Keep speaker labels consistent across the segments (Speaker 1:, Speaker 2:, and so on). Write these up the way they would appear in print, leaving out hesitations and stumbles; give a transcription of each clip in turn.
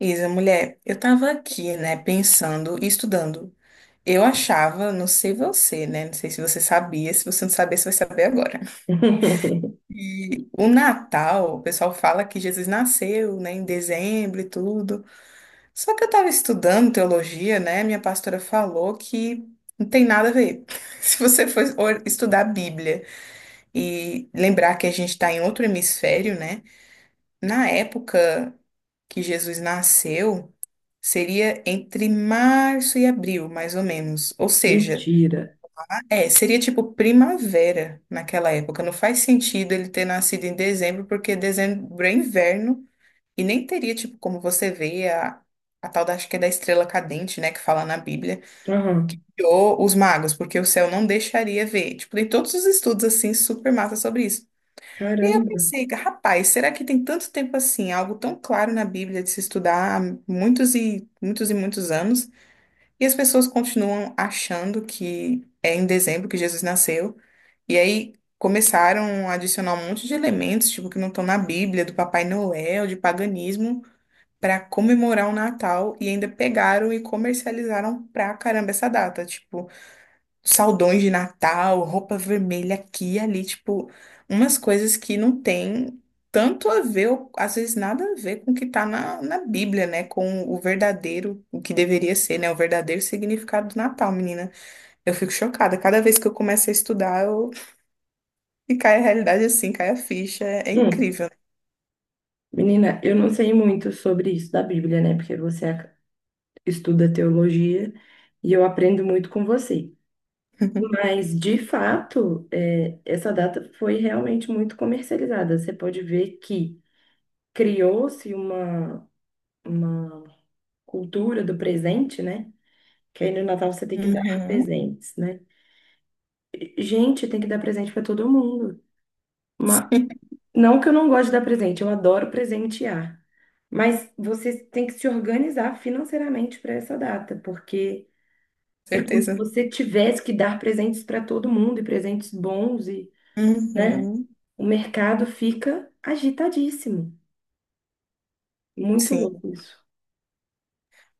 Speaker 1: Isa, mulher, eu tava aqui, né, pensando e estudando. Eu achava, não sei você, né, não sei se você sabia, se você não sabia, você vai saber agora. E o Natal, o pessoal fala que Jesus nasceu, né, em dezembro e tudo. Só que eu tava estudando teologia, né, minha pastora falou que não tem nada a ver. Se você for estudar a Bíblia e lembrar que a gente tá em outro hemisfério, né, na época que Jesus nasceu, seria entre março e abril, mais ou menos. Ou seja,
Speaker 2: Mentira.
Speaker 1: é, seria tipo primavera naquela época. Não faz sentido ele ter nascido em dezembro, porque dezembro é inverno e nem teria, tipo, como você vê a tal acho que é da estrela cadente, né, que fala na Bíblia,
Speaker 2: Aham.
Speaker 1: ou os magos, porque o céu não deixaria ver. Tipo, tem todos os estudos assim super massa sobre isso. E aí eu
Speaker 2: Caramba.
Speaker 1: pensei, rapaz, será que tem tanto tempo assim, algo tão claro na Bíblia de se estudar há muitos e muitos e muitos anos? E as pessoas continuam achando que é em dezembro que Jesus nasceu. E aí começaram a adicionar um monte de elementos, tipo, que não estão na Bíblia, do Papai Noel, de paganismo, para comemorar o Natal. E ainda pegaram e comercializaram pra caramba essa data. Tipo, saldões de Natal, roupa vermelha aqui e ali, tipo, umas coisas que não tem tanto a ver, ou às vezes nada a ver com o que tá na Bíblia, né? Com o verdadeiro, o que deveria ser, né? O verdadeiro significado do Natal, menina. Eu fico chocada. Cada vez que eu começo a estudar, eu... e cai a realidade assim, cai a ficha. É, é
Speaker 2: Hum.
Speaker 1: incrível.
Speaker 2: Menina, eu não sei muito sobre isso da Bíblia, né? Porque estuda teologia e eu aprendo muito com você. Mas, de fato, é, essa data foi realmente muito comercializada. Você pode ver que criou-se uma cultura do presente, né? Que aí no Natal você tem que dar
Speaker 1: Uhum.
Speaker 2: presentes, né? Gente, tem que dar presente para todo mundo. Não que eu não goste de dar presente, eu adoro presentear. Mas você tem que se organizar financeiramente para essa data, porque é como se
Speaker 1: Certeza.
Speaker 2: você tivesse que dar presentes para todo mundo e presentes bons e, né?
Speaker 1: Uhum.
Speaker 2: O mercado fica agitadíssimo. Muito
Speaker 1: Sim,
Speaker 2: louco isso.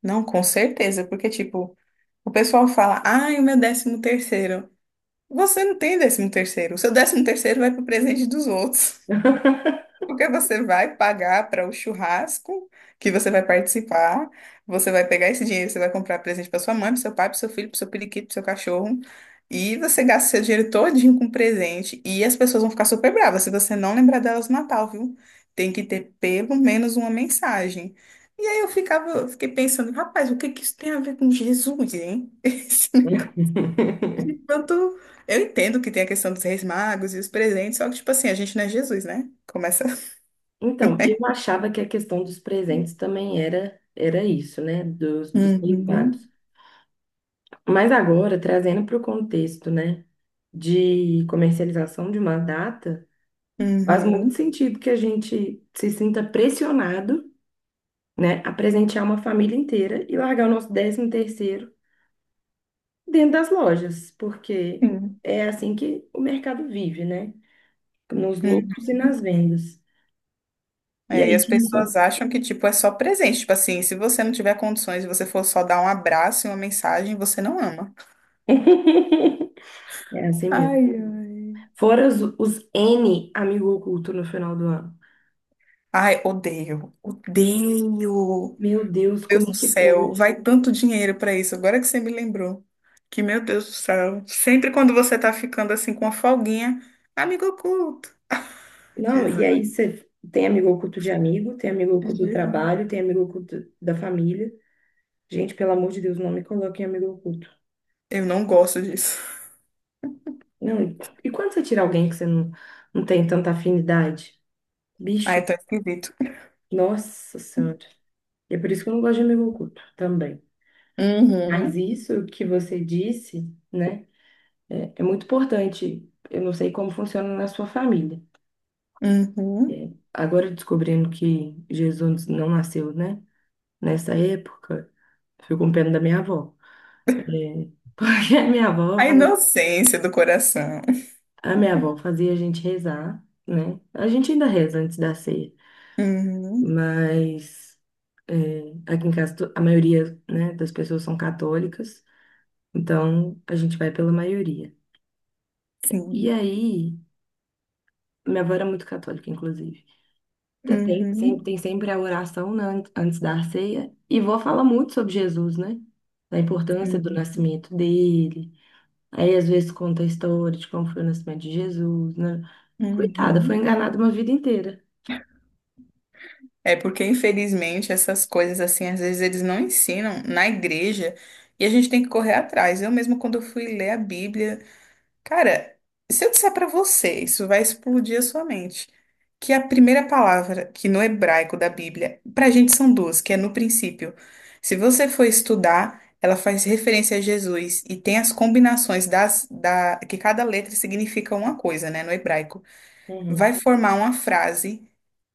Speaker 1: não, com certeza, porque tipo, o pessoal fala, ai, o meu 13º. Você não tem 13º. O seu 13º vai para o presente dos outros. Porque você vai pagar para o churrasco que você vai participar. Você vai pegar esse dinheiro, você vai comprar presente para sua mãe, para seu pai, para seu filho, para seu periquito, para seu cachorro. E você gasta seu dinheiro todinho com presente. E as pessoas vão ficar super bravas se você não lembrar delas no Natal, viu? Tem que ter pelo menos uma mensagem. E aí eu fiquei pensando, rapaz, o que que isso tem a ver com Jesus, hein? De pronto, eu entendo que tem a questão dos reis magos e os presentes, só que, tipo assim, a gente não é Jesus, né? Começa. Por
Speaker 2: Então, eu
Speaker 1: aí.
Speaker 2: achava que a questão dos presentes também era isso, né? Dos derivados.
Speaker 1: Uhum,
Speaker 2: Mas agora, trazendo para o contexto, né? De comercialização de uma data, faz muito
Speaker 1: uhum,
Speaker 2: sentido que a gente se sinta pressionado, né, a presentear uma família inteira e largar o nosso 13º dentro das lojas, porque
Speaker 1: sim,
Speaker 2: é assim que o mercado vive, né? Nos lucros e nas
Speaker 1: uhum.
Speaker 2: vendas. E
Speaker 1: É, e
Speaker 2: aí
Speaker 1: as
Speaker 2: quem só...
Speaker 1: pessoas acham que, tipo, é só presente. Tipo assim, se você não tiver condições e você for só dar um abraço e uma mensagem, você não ama.
Speaker 2: É assim mesmo.
Speaker 1: Ai, ai.
Speaker 2: Fora os N amigo oculto no final do ano.
Speaker 1: Ai, odeio, odeio.
Speaker 2: Meu Deus,
Speaker 1: Deus
Speaker 2: como é
Speaker 1: do
Speaker 2: que
Speaker 1: céu,
Speaker 2: pode?
Speaker 1: vai tanto dinheiro pra isso. Agora que você me lembrou. Que, meu Deus do céu. Sempre quando você tá ficando assim com uma folguinha, amigo oculto.
Speaker 2: Não, e
Speaker 1: Jesus.
Speaker 2: aí você tem amigo oculto de amigo, tem amigo oculto do
Speaker 1: Jesus.
Speaker 2: trabalho, tem amigo oculto da família. Gente, pelo amor de Deus, não me coloque em amigo oculto.
Speaker 1: Eu não gosto disso.
Speaker 2: Não, e quando você tira alguém que você não, não tem tanta afinidade? Bicho,
Speaker 1: Ai, tão esquisito.
Speaker 2: nossa senhora. E é por isso que eu não gosto de amigo oculto também. Mas
Speaker 1: Uhum,
Speaker 2: isso que você disse, né, é, é muito importante. Eu não sei como funciona na sua família.
Speaker 1: uhum.
Speaker 2: Agora descobrindo que Jesus não nasceu, né, nessa época, fico com pena da minha avó. É, porque a minha avó,
Speaker 1: A inocência do coração.
Speaker 2: a minha avó fazia a gente rezar, né? A gente ainda reza antes da ceia,
Speaker 1: Uhum,
Speaker 2: mas é, aqui em casa a maioria, né, das pessoas são católicas, então a gente vai pela maioria. E
Speaker 1: sim.
Speaker 2: aí, minha avó era muito católica, inclusive. Te- Tem sempre,
Speaker 1: Uhum,
Speaker 2: tem sempre a oração, né, antes da ceia, e vó fala muito sobre Jesus, né? Da importância do
Speaker 1: sim.
Speaker 2: nascimento dele. Aí, às vezes, conta a história de como foi o nascimento de Jesus, né? Coitada, foi
Speaker 1: Uhum.
Speaker 2: enganada uma vida inteira.
Speaker 1: É porque, infelizmente, essas coisas, assim, às vezes eles não ensinam na igreja e a gente tem que correr atrás. Eu mesma, quando eu fui ler a Bíblia, cara, se eu disser pra você, isso vai explodir a sua mente, que a primeira palavra que no hebraico da Bíblia, pra gente são duas, que é no princípio. Se você for estudar, ela faz referência a Jesus e tem as combinações da, que cada letra significa uma coisa, né, no hebraico.
Speaker 2: Uhum.
Speaker 1: Vai formar uma frase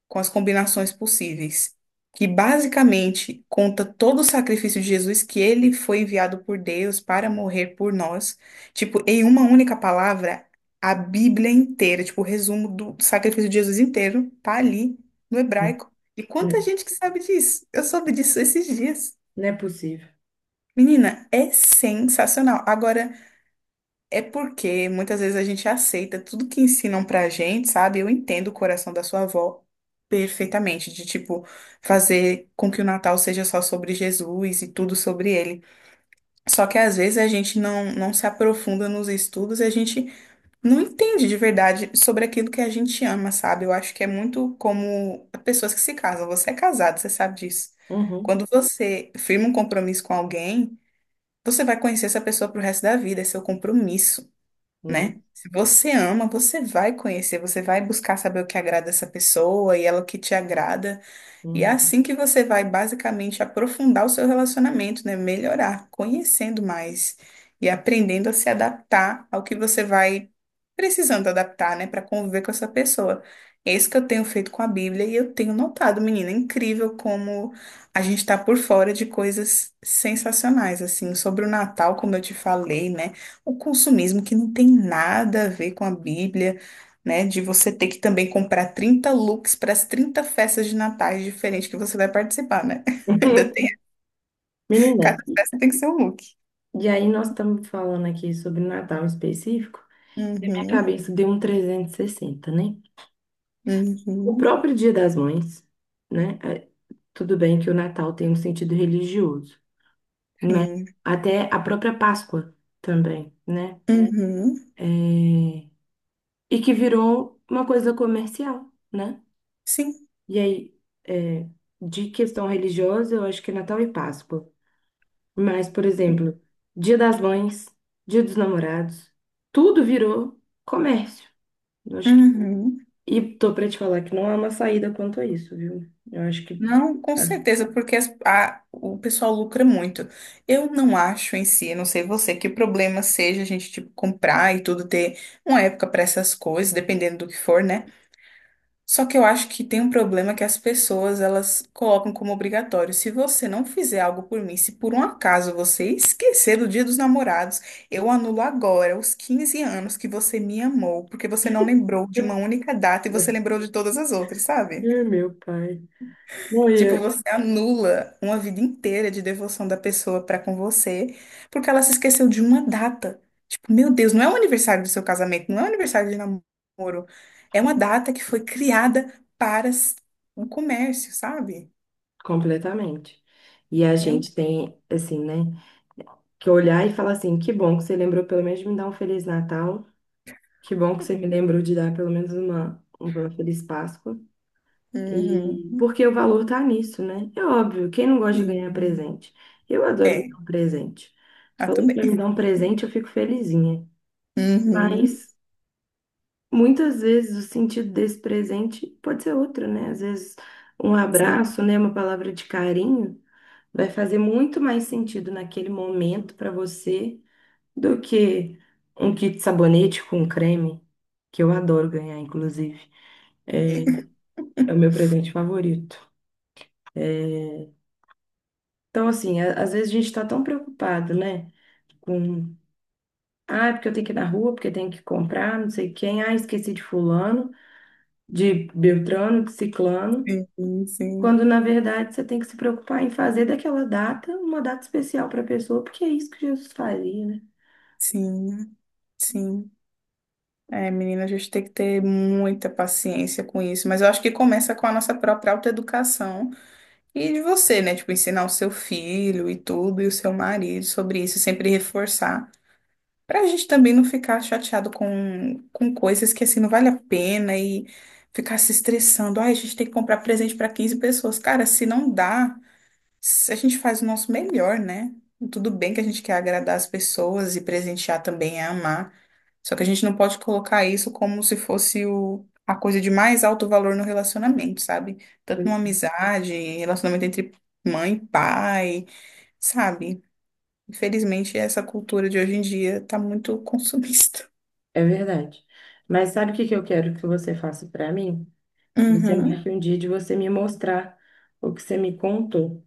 Speaker 1: com as combinações possíveis, que basicamente conta todo o sacrifício de Jesus que ele foi enviado por Deus para morrer por nós. Tipo, em uma única palavra, a Bíblia inteira, tipo, o resumo do sacrifício de Jesus inteiro tá ali no hebraico. E quanta
Speaker 2: Né,
Speaker 1: gente que sabe disso? Eu soube disso esses dias.
Speaker 2: não é possível.
Speaker 1: Menina, é sensacional. Agora é porque muitas vezes a gente aceita tudo que ensinam pra gente, sabe? Eu entendo o coração da sua avó perfeitamente, de tipo, fazer com que o Natal seja só sobre Jesus e tudo sobre ele. Só que às vezes a gente não se aprofunda nos estudos e a gente não entende de verdade sobre aquilo que a gente ama, sabe? Eu acho que é muito como pessoas que se casam. Você é casado, você sabe disso.
Speaker 2: Uhum.
Speaker 1: Quando você firma um compromisso com alguém, você vai conhecer essa pessoa pro resto da vida, é seu compromisso,
Speaker 2: Não.
Speaker 1: né? Se você ama, você vai conhecer, você vai buscar saber o que agrada essa pessoa e ela o que te agrada. E é
Speaker 2: Uhum.
Speaker 1: assim que você vai basicamente aprofundar o seu relacionamento, né? Melhorar, conhecendo mais e aprendendo a se adaptar ao que você vai precisando adaptar, né, para conviver com essa pessoa. É isso que eu tenho feito com a Bíblia e eu tenho notado, menina, é incrível como a gente está por fora de coisas sensacionais, assim, sobre o Natal, como eu te falei, né? O consumismo que não tem nada a ver com a Bíblia, né? De você ter que também comprar 30 looks para as 30 festas de natais diferentes que você vai participar, né? Ainda tem, cada
Speaker 2: Menina,
Speaker 1: festa tem que ser um look.
Speaker 2: e aí nós estamos falando aqui sobre Natal em específico, e minha
Speaker 1: Uhum,
Speaker 2: cabeça deu um 360, né? O
Speaker 1: uhum,
Speaker 2: próprio Dia das Mães, né? É, tudo bem que o Natal tem um sentido religioso, né?
Speaker 1: sim,
Speaker 2: Até a própria Páscoa também, né?
Speaker 1: uhum,
Speaker 2: É, e que virou uma coisa comercial, né?
Speaker 1: sim.
Speaker 2: E aí, é, de questão religiosa, eu acho que é Natal e Páscoa. Mas, por exemplo, Dia das Mães, Dia dos Namorados, tudo virou comércio. Eu acho que...
Speaker 1: Uhum.
Speaker 2: E tô pra te falar que não há uma saída quanto a isso, viu? Eu acho que.
Speaker 1: Não, com certeza, porque o pessoal lucra muito. Eu não acho em si, eu não sei você, que o problema seja a gente, tipo, comprar e tudo, ter uma época para essas coisas, dependendo do que for, né? Só que eu acho que tem um problema que as pessoas elas colocam como obrigatório. Se você não fizer algo por mim, se por um acaso você esquecer do Dia dos Namorados, eu anulo agora os 15 anos que você me amou, porque você não lembrou de uma única data e você lembrou de todas as outras,
Speaker 2: É,
Speaker 1: sabe?
Speaker 2: meu pai.
Speaker 1: Tipo,
Speaker 2: Morria
Speaker 1: você anula uma vida inteira de devoção da pessoa pra com você, porque ela se esqueceu de uma data. Tipo, meu Deus, não é o aniversário do seu casamento, não é o aniversário de namoro. É uma data que foi criada para o comércio, sabe?
Speaker 2: completamente. E a
Speaker 1: Meu
Speaker 2: gente
Speaker 1: Deus.
Speaker 2: tem, assim, né, que olhar e falar assim: que bom que você lembrou pelo menos de me dar um Feliz Natal, que bom que você me lembrou de dar pelo menos uma Feliz Páscoa.
Speaker 1: Uhum.
Speaker 2: E porque o valor tá nisso, né? É óbvio, quem não gosta de ganhar
Speaker 1: Sim.
Speaker 2: presente? Eu adoro
Speaker 1: É,
Speaker 2: ganhar um presente.
Speaker 1: ah,
Speaker 2: Falou
Speaker 1: também.
Speaker 2: pra me dar um presente, eu fico felizinha.
Speaker 1: Uhum.
Speaker 2: Mas muitas vezes o sentido desse presente pode ser outro, né? Às vezes um
Speaker 1: Sim,
Speaker 2: abraço, né, uma palavra de carinho vai fazer muito mais sentido naquele momento para você do que um kit de sabonete com creme, que eu adoro ganhar, inclusive. É o meu presente favorito. Então, assim, às vezes a gente está tão preocupado, né? Com, ah, é porque eu tenho que ir na rua, porque tenho que comprar, não sei quem, ah, esqueci de fulano, de Beltrano, de Ciclano,
Speaker 1: sim, sim,
Speaker 2: quando na verdade você tem que se preocupar em fazer daquela data uma data especial para a pessoa, porque é isso que Jesus faria, né?
Speaker 1: sim, sim. É, menina, a gente tem que ter muita paciência com isso, mas eu acho que começa com a nossa própria autoeducação e de você, né? Tipo, ensinar o seu filho e tudo, e o seu marido sobre isso, e sempre reforçar, pra gente também não ficar chateado com coisas que assim não vale a pena e ficar se estressando. Ai, a gente tem que comprar presente pra 15 pessoas. Cara, se não dá, se a gente faz o nosso melhor, né? Tudo bem que a gente quer agradar as pessoas e presentear também é amar. Só que a gente não pode colocar isso como se fosse a coisa de mais alto valor no relacionamento, sabe? Tanto
Speaker 2: Pois
Speaker 1: numa amizade, relacionamento entre mãe e pai, sabe? Infelizmente, essa cultura de hoje em dia tá muito consumista.
Speaker 2: é, é verdade. Mas sabe o que que eu quero que você faça para mim? Você
Speaker 1: Uhum.
Speaker 2: marque um dia de você me mostrar o que você me contou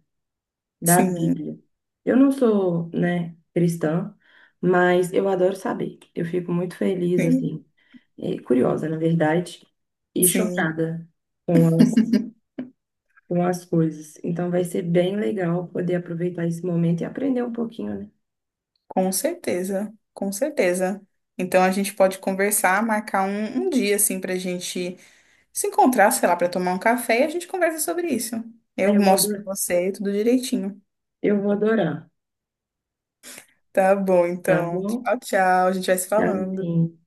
Speaker 2: da
Speaker 1: Sim,
Speaker 2: Bíblia. Eu não sou, né, cristã, mas eu adoro saber. Eu fico muito feliz,
Speaker 1: sim,
Speaker 2: assim, e curiosa, na verdade, e
Speaker 1: sim.
Speaker 2: chocada com as, com as coisas. Então vai ser bem legal poder aproveitar esse momento e aprender um pouquinho, né?
Speaker 1: Com certeza, com certeza. Então a gente pode conversar, marcar um dia assim pra gente se encontrar, sei lá, pra tomar um café e a gente conversa sobre isso.
Speaker 2: Aí
Speaker 1: Eu
Speaker 2: eu vou
Speaker 1: mostro
Speaker 2: adorar.
Speaker 1: pra você tudo direitinho.
Speaker 2: Eu vou adorar,
Speaker 1: Tá bom,
Speaker 2: tá
Speaker 1: então.
Speaker 2: bom?
Speaker 1: Tchau, tchau. A gente vai se falando.
Speaker 2: Amém.